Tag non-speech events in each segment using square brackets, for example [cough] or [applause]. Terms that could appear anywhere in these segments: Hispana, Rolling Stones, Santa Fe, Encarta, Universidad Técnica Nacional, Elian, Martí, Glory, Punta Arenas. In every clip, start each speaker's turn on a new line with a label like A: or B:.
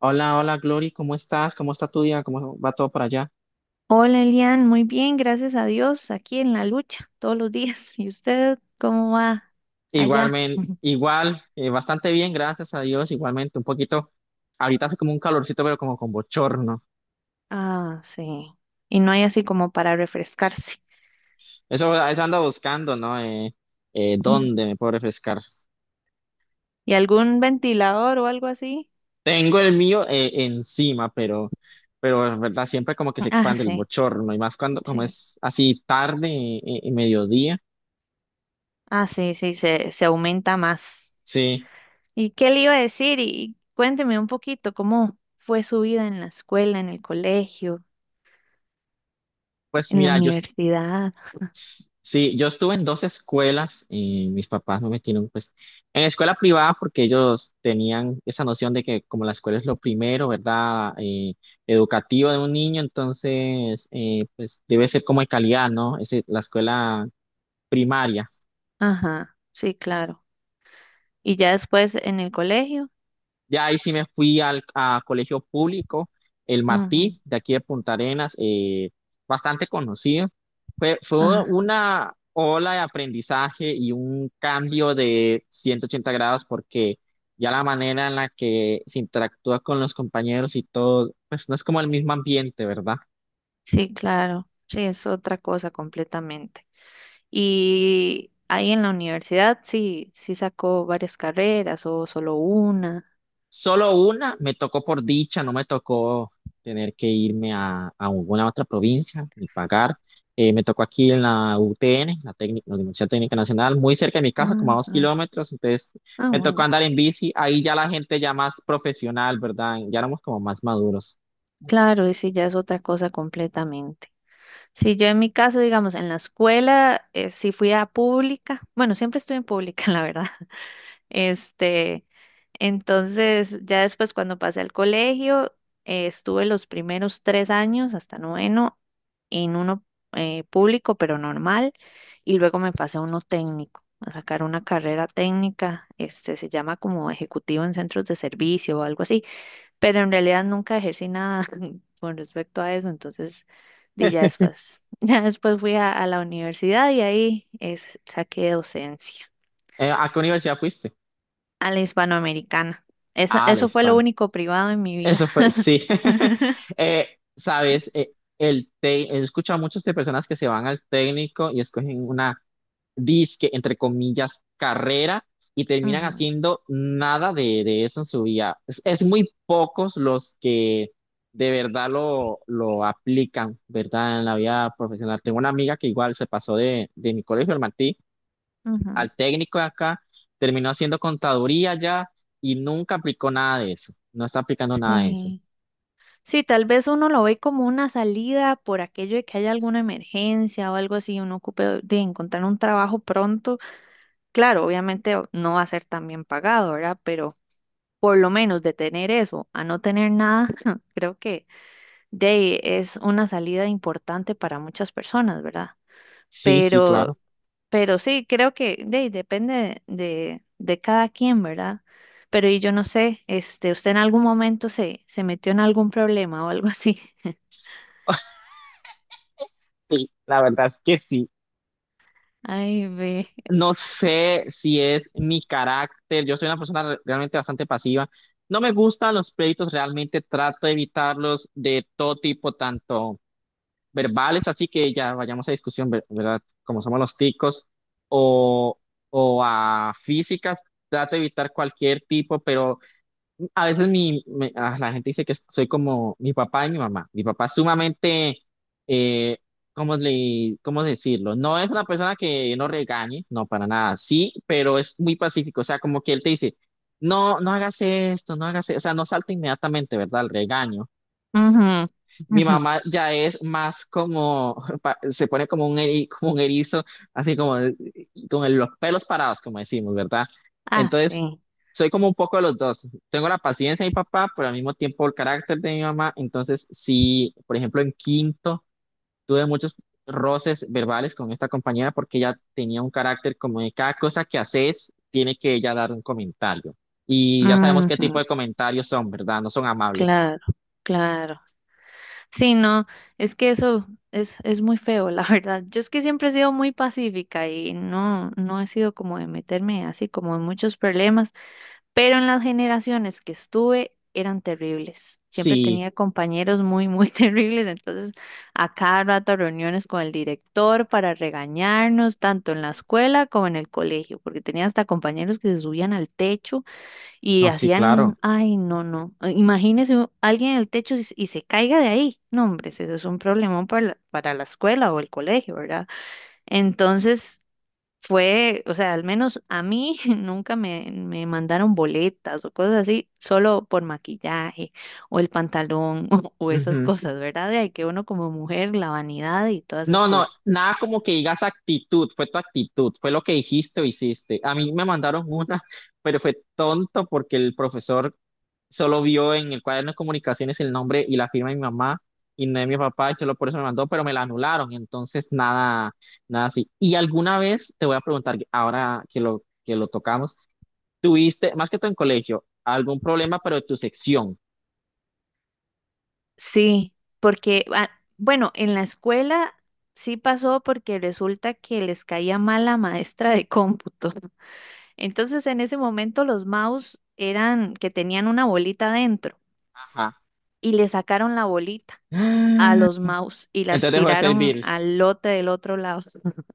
A: Hola, hola, Glory, ¿cómo estás? ¿Cómo está tu día? ¿Cómo va todo por allá?
B: Hola Elian, muy bien, gracias a Dios, aquí en la lucha todos los días. [laughs] ¿Y usted cómo va allá?
A: Igualmente,
B: [laughs]
A: igual, bastante bien, gracias a Dios, igualmente, un poquito, ahorita hace como un calorcito, pero como con bochorno.
B: Ah, sí. Y no hay así como para refrescarse.
A: Eso ando buscando, ¿no?
B: Mm.
A: ¿Dónde me puedo refrescar?
B: ¿Y algún ventilador o algo así?
A: Tengo el mío encima, pero es verdad, siempre como que se
B: Ah,
A: expande el
B: sí,
A: bochorno, y más cuando, como
B: sí.
A: es así tarde, mediodía.
B: Ah, sí, sí, se aumenta más.
A: Sí,
B: ¿Y qué le iba a decir? Y cuénteme un poquito cómo fue su vida en la escuela, en el colegio,
A: pues
B: en la
A: mira,
B: universidad.
A: sí, yo estuve en dos escuelas y mis papás no me metieron pues en escuela privada porque ellos tenían esa noción de que como la escuela es lo primero, ¿verdad? Educativo de un niño, entonces pues debe ser como de calidad, ¿no? Es la escuela primaria.
B: Ajá, sí, claro. ¿Y ya después en el colegio?
A: Ya ahí sí me fui al a colegio público, el
B: Ajá.
A: Martí, de aquí de Punta Arenas, bastante conocido. Fue una ola de aprendizaje y un cambio de 180 grados porque ya la manera en la que se interactúa con los compañeros y todo, pues no es como el mismo ambiente, ¿verdad?
B: Sí, claro, sí, es otra cosa completamente. Y ahí en la universidad, sí, sí sacó varias carreras o solo una.
A: Solo una me tocó por dicha, no me tocó tener que irme a alguna otra provincia ni pagar. Me tocó aquí en la UTN, técnica, la Universidad Técnica Nacional, muy cerca de mi casa, como a dos
B: Ajá.
A: kilómetros. Entonces
B: Ah,
A: me tocó
B: bueno,
A: andar en bici. Ahí ya la gente ya más profesional, ¿verdad? Ya éramos como más maduros.
B: claro, y sí, ya es otra cosa completamente. Sí, yo en mi caso, digamos, en la escuela, sí fui a pública. Bueno, siempre estuve en pública, [laughs] la verdad. Este, entonces, ya después cuando pasé al colegio, estuve los primeros tres años hasta noveno en uno público, pero normal, y luego me pasé a uno técnico, a sacar una carrera técnica, se llama como ejecutivo en centros de servicio o algo así, pero en realidad nunca ejercí nada [laughs] con respecto a eso, entonces, di ya después, [laughs] ya después fui a la universidad y ahí es, saqué docencia
A: ¿A qué universidad fuiste?
B: a la hispanoamericana. Eso,
A: Ah, la
B: eso fue lo
A: Hispana.
B: único privado en mi vida.
A: Eso fue, sí. [laughs] Eh, sabes, he escuchado a muchas de personas que se van al técnico y escogen una disque, entre comillas, carrera y terminan
B: Ujú,
A: haciendo nada de eso en su vida. Es muy pocos los que de verdad lo aplican, ¿verdad? En la vida profesional. Tengo una amiga que igual se pasó de mi colegio, el Martí,
B: ujú.
A: al técnico de acá, terminó haciendo contaduría ya y nunca aplicó nada de eso. No está aplicando nada de eso.
B: Sí. Sí, tal vez uno lo ve como una salida por aquello de que haya alguna emergencia o algo así, uno ocupe de encontrar un trabajo pronto. Claro, obviamente o- no va a ser tan bien pagado, ¿verdad? Pero por lo menos de tener eso a no tener nada, [laughs] creo que de ahí es una salida importante para muchas personas, ¿verdad?
A: Sí, sí,
B: Pero
A: claro.
B: Pero sí, creo que ahí depende de cada quien, ¿verdad? Pero y yo no sé, ¿usted en algún momento se metió en algún problema o algo así? [laughs]
A: [laughs] Sí, la verdad es que sí.
B: Ay, ve.
A: No sé si es mi carácter, yo soy una persona realmente bastante pasiva. No me gustan los pleitos, realmente trato de evitarlos de todo tipo, tanto verbales, así que ya vayamos a discusión, ¿verdad? Como somos los ticos, o, o a físicas, trato de evitar cualquier tipo, pero a veces la gente dice que soy como mi papá y mi mamá. Mi papá es sumamente, eh, ¿cómo decirlo? No es una persona que no regañe, no, para nada, sí, pero es muy pacífico. O sea, como que él te dice, no, no hagas esto, no hagas esto. O sea, no salta inmediatamente, ¿verdad? El regaño.
B: Ujú,
A: Mi
B: ujú.
A: mamá ya es más como, [laughs] se pone como un erizo, así como con los pelos parados, como decimos, ¿verdad?
B: Ah,
A: Entonces,
B: sí.
A: soy como un poco de los dos. Tengo la paciencia de mi papá, pero al mismo tiempo el carácter de mi mamá. Entonces, sí, por ejemplo, en quinto tuve muchos roces verbales con esta compañera porque ella tenía un carácter como de cada cosa que haces, tiene que ella dar un comentario. Y ya sabemos qué tipo
B: Ujú,
A: de comentarios son, ¿verdad? No son amables.
B: claro, claro. Sí, no, es que eso es muy feo, la [laughs] verdad. Yo es que siempre he sido muy pacífica y no, no he sido como de meterme así como en muchos problemas. Pero en las generaciones que estuve eran terribles. Siempre
A: Sí,
B: tenía compañeros muy, muy [laughs] terribles, entonces a cada rato reuniones con el director para regañarnos, tanto en la escuela como en el colegio, porque tenía hasta compañeros que se subían al techo y
A: no, sí, claro.
B: hacían, ay, no, no, imagínese u- alguien en el techo se y se caiga de ahí. No, hombre, eso es un problemón para para la escuela o el colegio, ¿verdad? Entonces fue, o sea, al menos a mí [laughs] nunca me mandaron boletas o cosas así, solo por maquillaje o el pantalón [laughs] o esas
A: Ujú.
B: cosas, ¿verdad? De ahí que uno como mujer, la vanidad y todas esas
A: No, no,
B: cosas.
A: nada como que digas actitud, fue tu actitud, fue lo que dijiste o hiciste. A mí me mandaron [laughs] una, pero fue tonto porque el profesor solo vio en el cuaderno de comunicaciones el nombre y la firma de mi mamá y no de mi papá y solo por eso me mandó, pero me la anularon, entonces nada, nada así. Y alguna vez te voy a preguntar, ahora que lo tocamos, ¿tuviste, más que todo en colegio, algún problema, pero de tu sección?
B: Sí, porque, ah, bueno, en la escuela sí pasó porque resulta que les caía mal la maestra de cómputo. Entonces, en ese momento los mouse eran que tenían una bolita dentro
A: Ajá.
B: y le sacaron la bolita a los
A: [gasps]
B: mouse y las
A: Entonces dejó de
B: tiraron
A: servir.
B: al lote del otro lado. [laughs]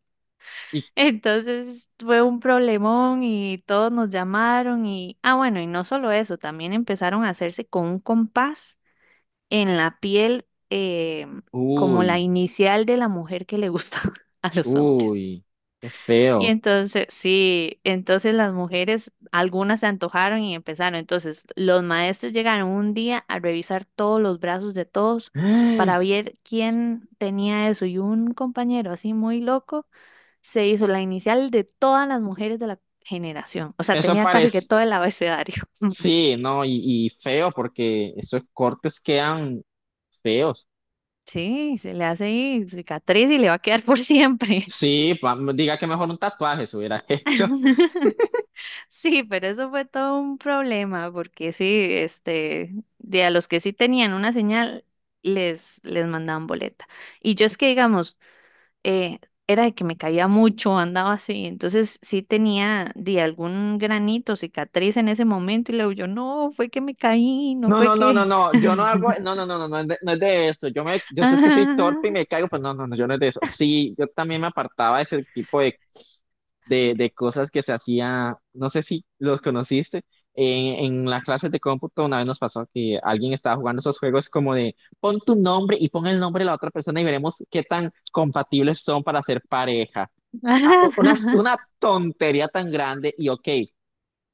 A: Y,
B: Entonces fue un problemón y todos nos llamaron y, ah, bueno, y no solo eso, también empezaron a hacerse con un compás en la piel como la
A: uy.
B: inicial de la mujer que le gusta [laughs] a los hombres.
A: Uy, qué
B: Y
A: feo.
B: entonces, sí, entonces las mujeres, algunas se antojaron y empezaron. Entonces, los maestros llegaron un día a revisar todos los brazos de todos para
A: [gasps]
B: ver quién tenía eso. Y un compañero así muy loco se hizo la inicial de todas las mujeres de la generación. O sea,
A: Eso
B: tenía casi que
A: parece,
B: todo el abecedario. [laughs]
A: sí, no, y feo porque esos cortes quedan feos.
B: Sí, se le hace ahí cicatriz y le va a quedar por siempre.
A: Sí, diga que mejor un tatuaje se hubiera [laughs] hecho.
B: [laughs] Sí, pero eso fue todo un problema, porque sí, este, de a los que sí tenían una señal, les mandaban boleta. Y yo es que, digamos, eh, era de que me caía mucho, andaba así, entonces sí tenía de algún granito, cicatriz en ese momento, y luego yo, no, fue que me caí, no
A: No,
B: fue
A: no, no, no,
B: que...
A: no, yo no hago, no,
B: [laughs]
A: no, no, no, no, es de, no es de esto. Yo me, yo sé que soy torpe y
B: Ah,
A: me caigo, pero no, no, no, yo no es de eso. Sí, yo también me apartaba de ese tipo de cosas que se hacía, no sé si los conociste, en las clases de cómputo una vez nos pasó que alguien estaba jugando esos juegos como de pon tu nombre y pon el nombre de la otra persona y veremos qué tan compatibles son para ser pareja. Ah, una tontería tan grande y ok,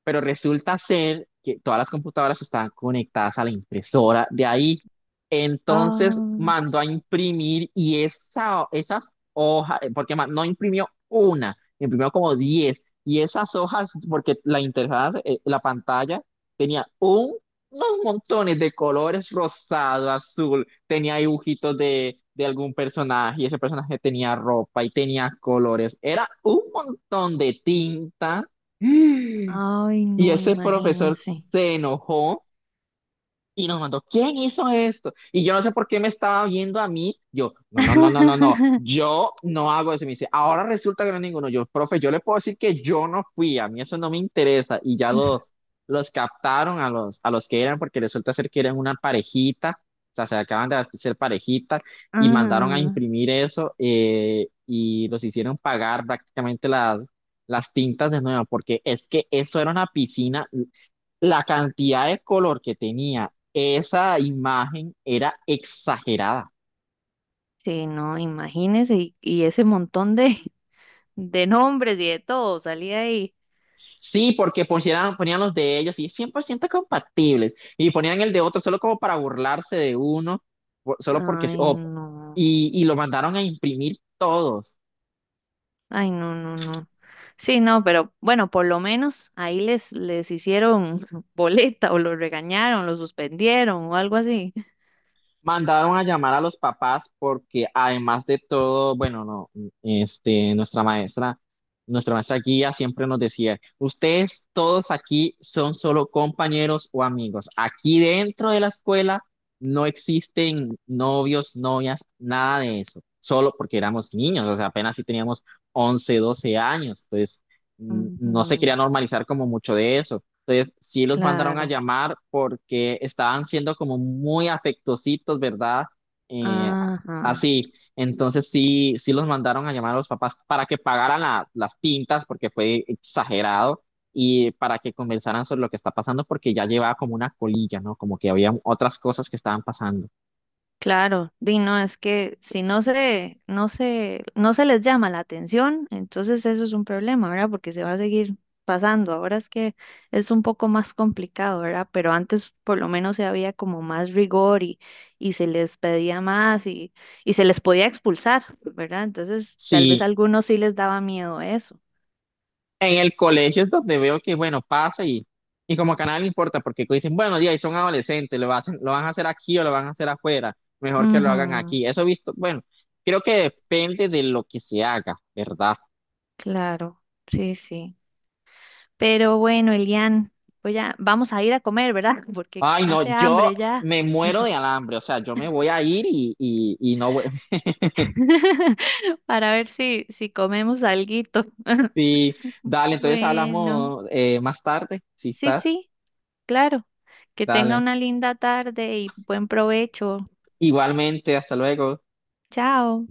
A: pero resulta ser que todas las computadoras estaban conectadas a la impresora de ahí. Entonces
B: ah,
A: mandó a imprimir y esas hojas, porque no imprimió una, imprimió como 10. Y esas hojas, porque la interfaz, la pantalla, tenía unos montones de colores rosado, azul, tenía dibujitos de algún personaje y ese personaje tenía ropa y tenía colores. Era un montón de tinta. [gasps]
B: ah, ay,
A: Y
B: no,
A: ese profesor
B: imagínese.
A: se enojó y nos mandó, ¿quién hizo esto? Y yo no sé por qué me estaba viendo a mí. Yo, no, no, no, no, no, no,
B: [laughs]
A: yo no hago eso. Y me dice, ahora resulta que no es ninguno. Yo, profe, yo le puedo decir que yo no fui, a mí eso no me interesa. Y ya los captaron a los que eran, porque resulta ser que eran una parejita, o sea, se acaban de ser parejita y mandaron a
B: Ah,
A: imprimir eso y los hicieron pagar prácticamente las tintas de nuevo, porque es que eso era una piscina, la cantidad de color que tenía esa imagen era exagerada.
B: sí, no, imagínese, y ese montón de, [laughs] de nombres y de todo salía ahí.
A: Sí, porque ponían los de ellos y 100% compatibles y ponían el de otro solo como para burlarse de uno, solo porque... sí,
B: Ay, no,
A: y lo mandaron a imprimir todos.
B: ay, no, no, no. Sí, no, pero bueno, por lo menos ahí les, les hicieron [laughs] boleta o los regañaron, los suspendieron o algo así.
A: Mandaron a llamar a los papás porque además de todo, bueno, no, este, nuestra maestra guía siempre nos decía, ustedes todos aquí son solo compañeros o amigos. Aquí dentro de la escuela no existen novios, novias, nada de eso. Solo porque éramos niños, o sea, apenas si teníamos 11 12 años. Entonces, no se
B: Ujú,
A: quería normalizar como mucho de eso. Entonces, sí los mandaron a
B: claro,
A: llamar porque estaban siendo como muy afectositos, ¿verdad? Eh,
B: ajá.
A: así. Entonces, sí, sí los mandaron a llamar a los papás para que pagaran las tintas porque fue exagerado y para que conversaran sobre lo que está pasando porque ya llevaba como una colilla, ¿no? Como que había otras cosas que estaban pasando.
B: Claro, di no, es que si no no no se les llama la atención, entonces eso es un problema, ¿verdad? Porque se va a seguir pasando. Ahora es que es un poco más complicado, ¿verdad? Pero antes por lo menos se había como más rigor y se les pedía más y se les podía expulsar, ¿verdad? Entonces tal vez a
A: Sí.
B: algunos sí les daba miedo eso.
A: En el colegio es donde veo que, bueno, pasa y como que a nadie le importa, porque dicen, bueno, ya, y son adolescentes, lo hacen, lo van a hacer aquí o lo van a hacer afuera, mejor que lo hagan
B: Ujú,
A: aquí. Eso he visto, bueno, creo que depende de lo que se haga, ¿verdad?
B: claro, sí, sí. Pero bueno, Elian, pues ya vamos a ir a comer, ¿verdad? [laughs] Porque
A: Ay, no,
B: hace
A: yo
B: hambre ya.
A: me muero de alambre, o sea, yo me voy a ir y no voy. [laughs]
B: [laughs] Para ver si, si comemos alguito. [laughs]
A: Sí, dale, entonces
B: Bueno,
A: hablamos más tarde, si
B: sí,
A: estás,
B: sí, claro. Que tenga
A: dale.
B: una linda tarde y buen provecho.
A: Igualmente, hasta luego.
B: Chao.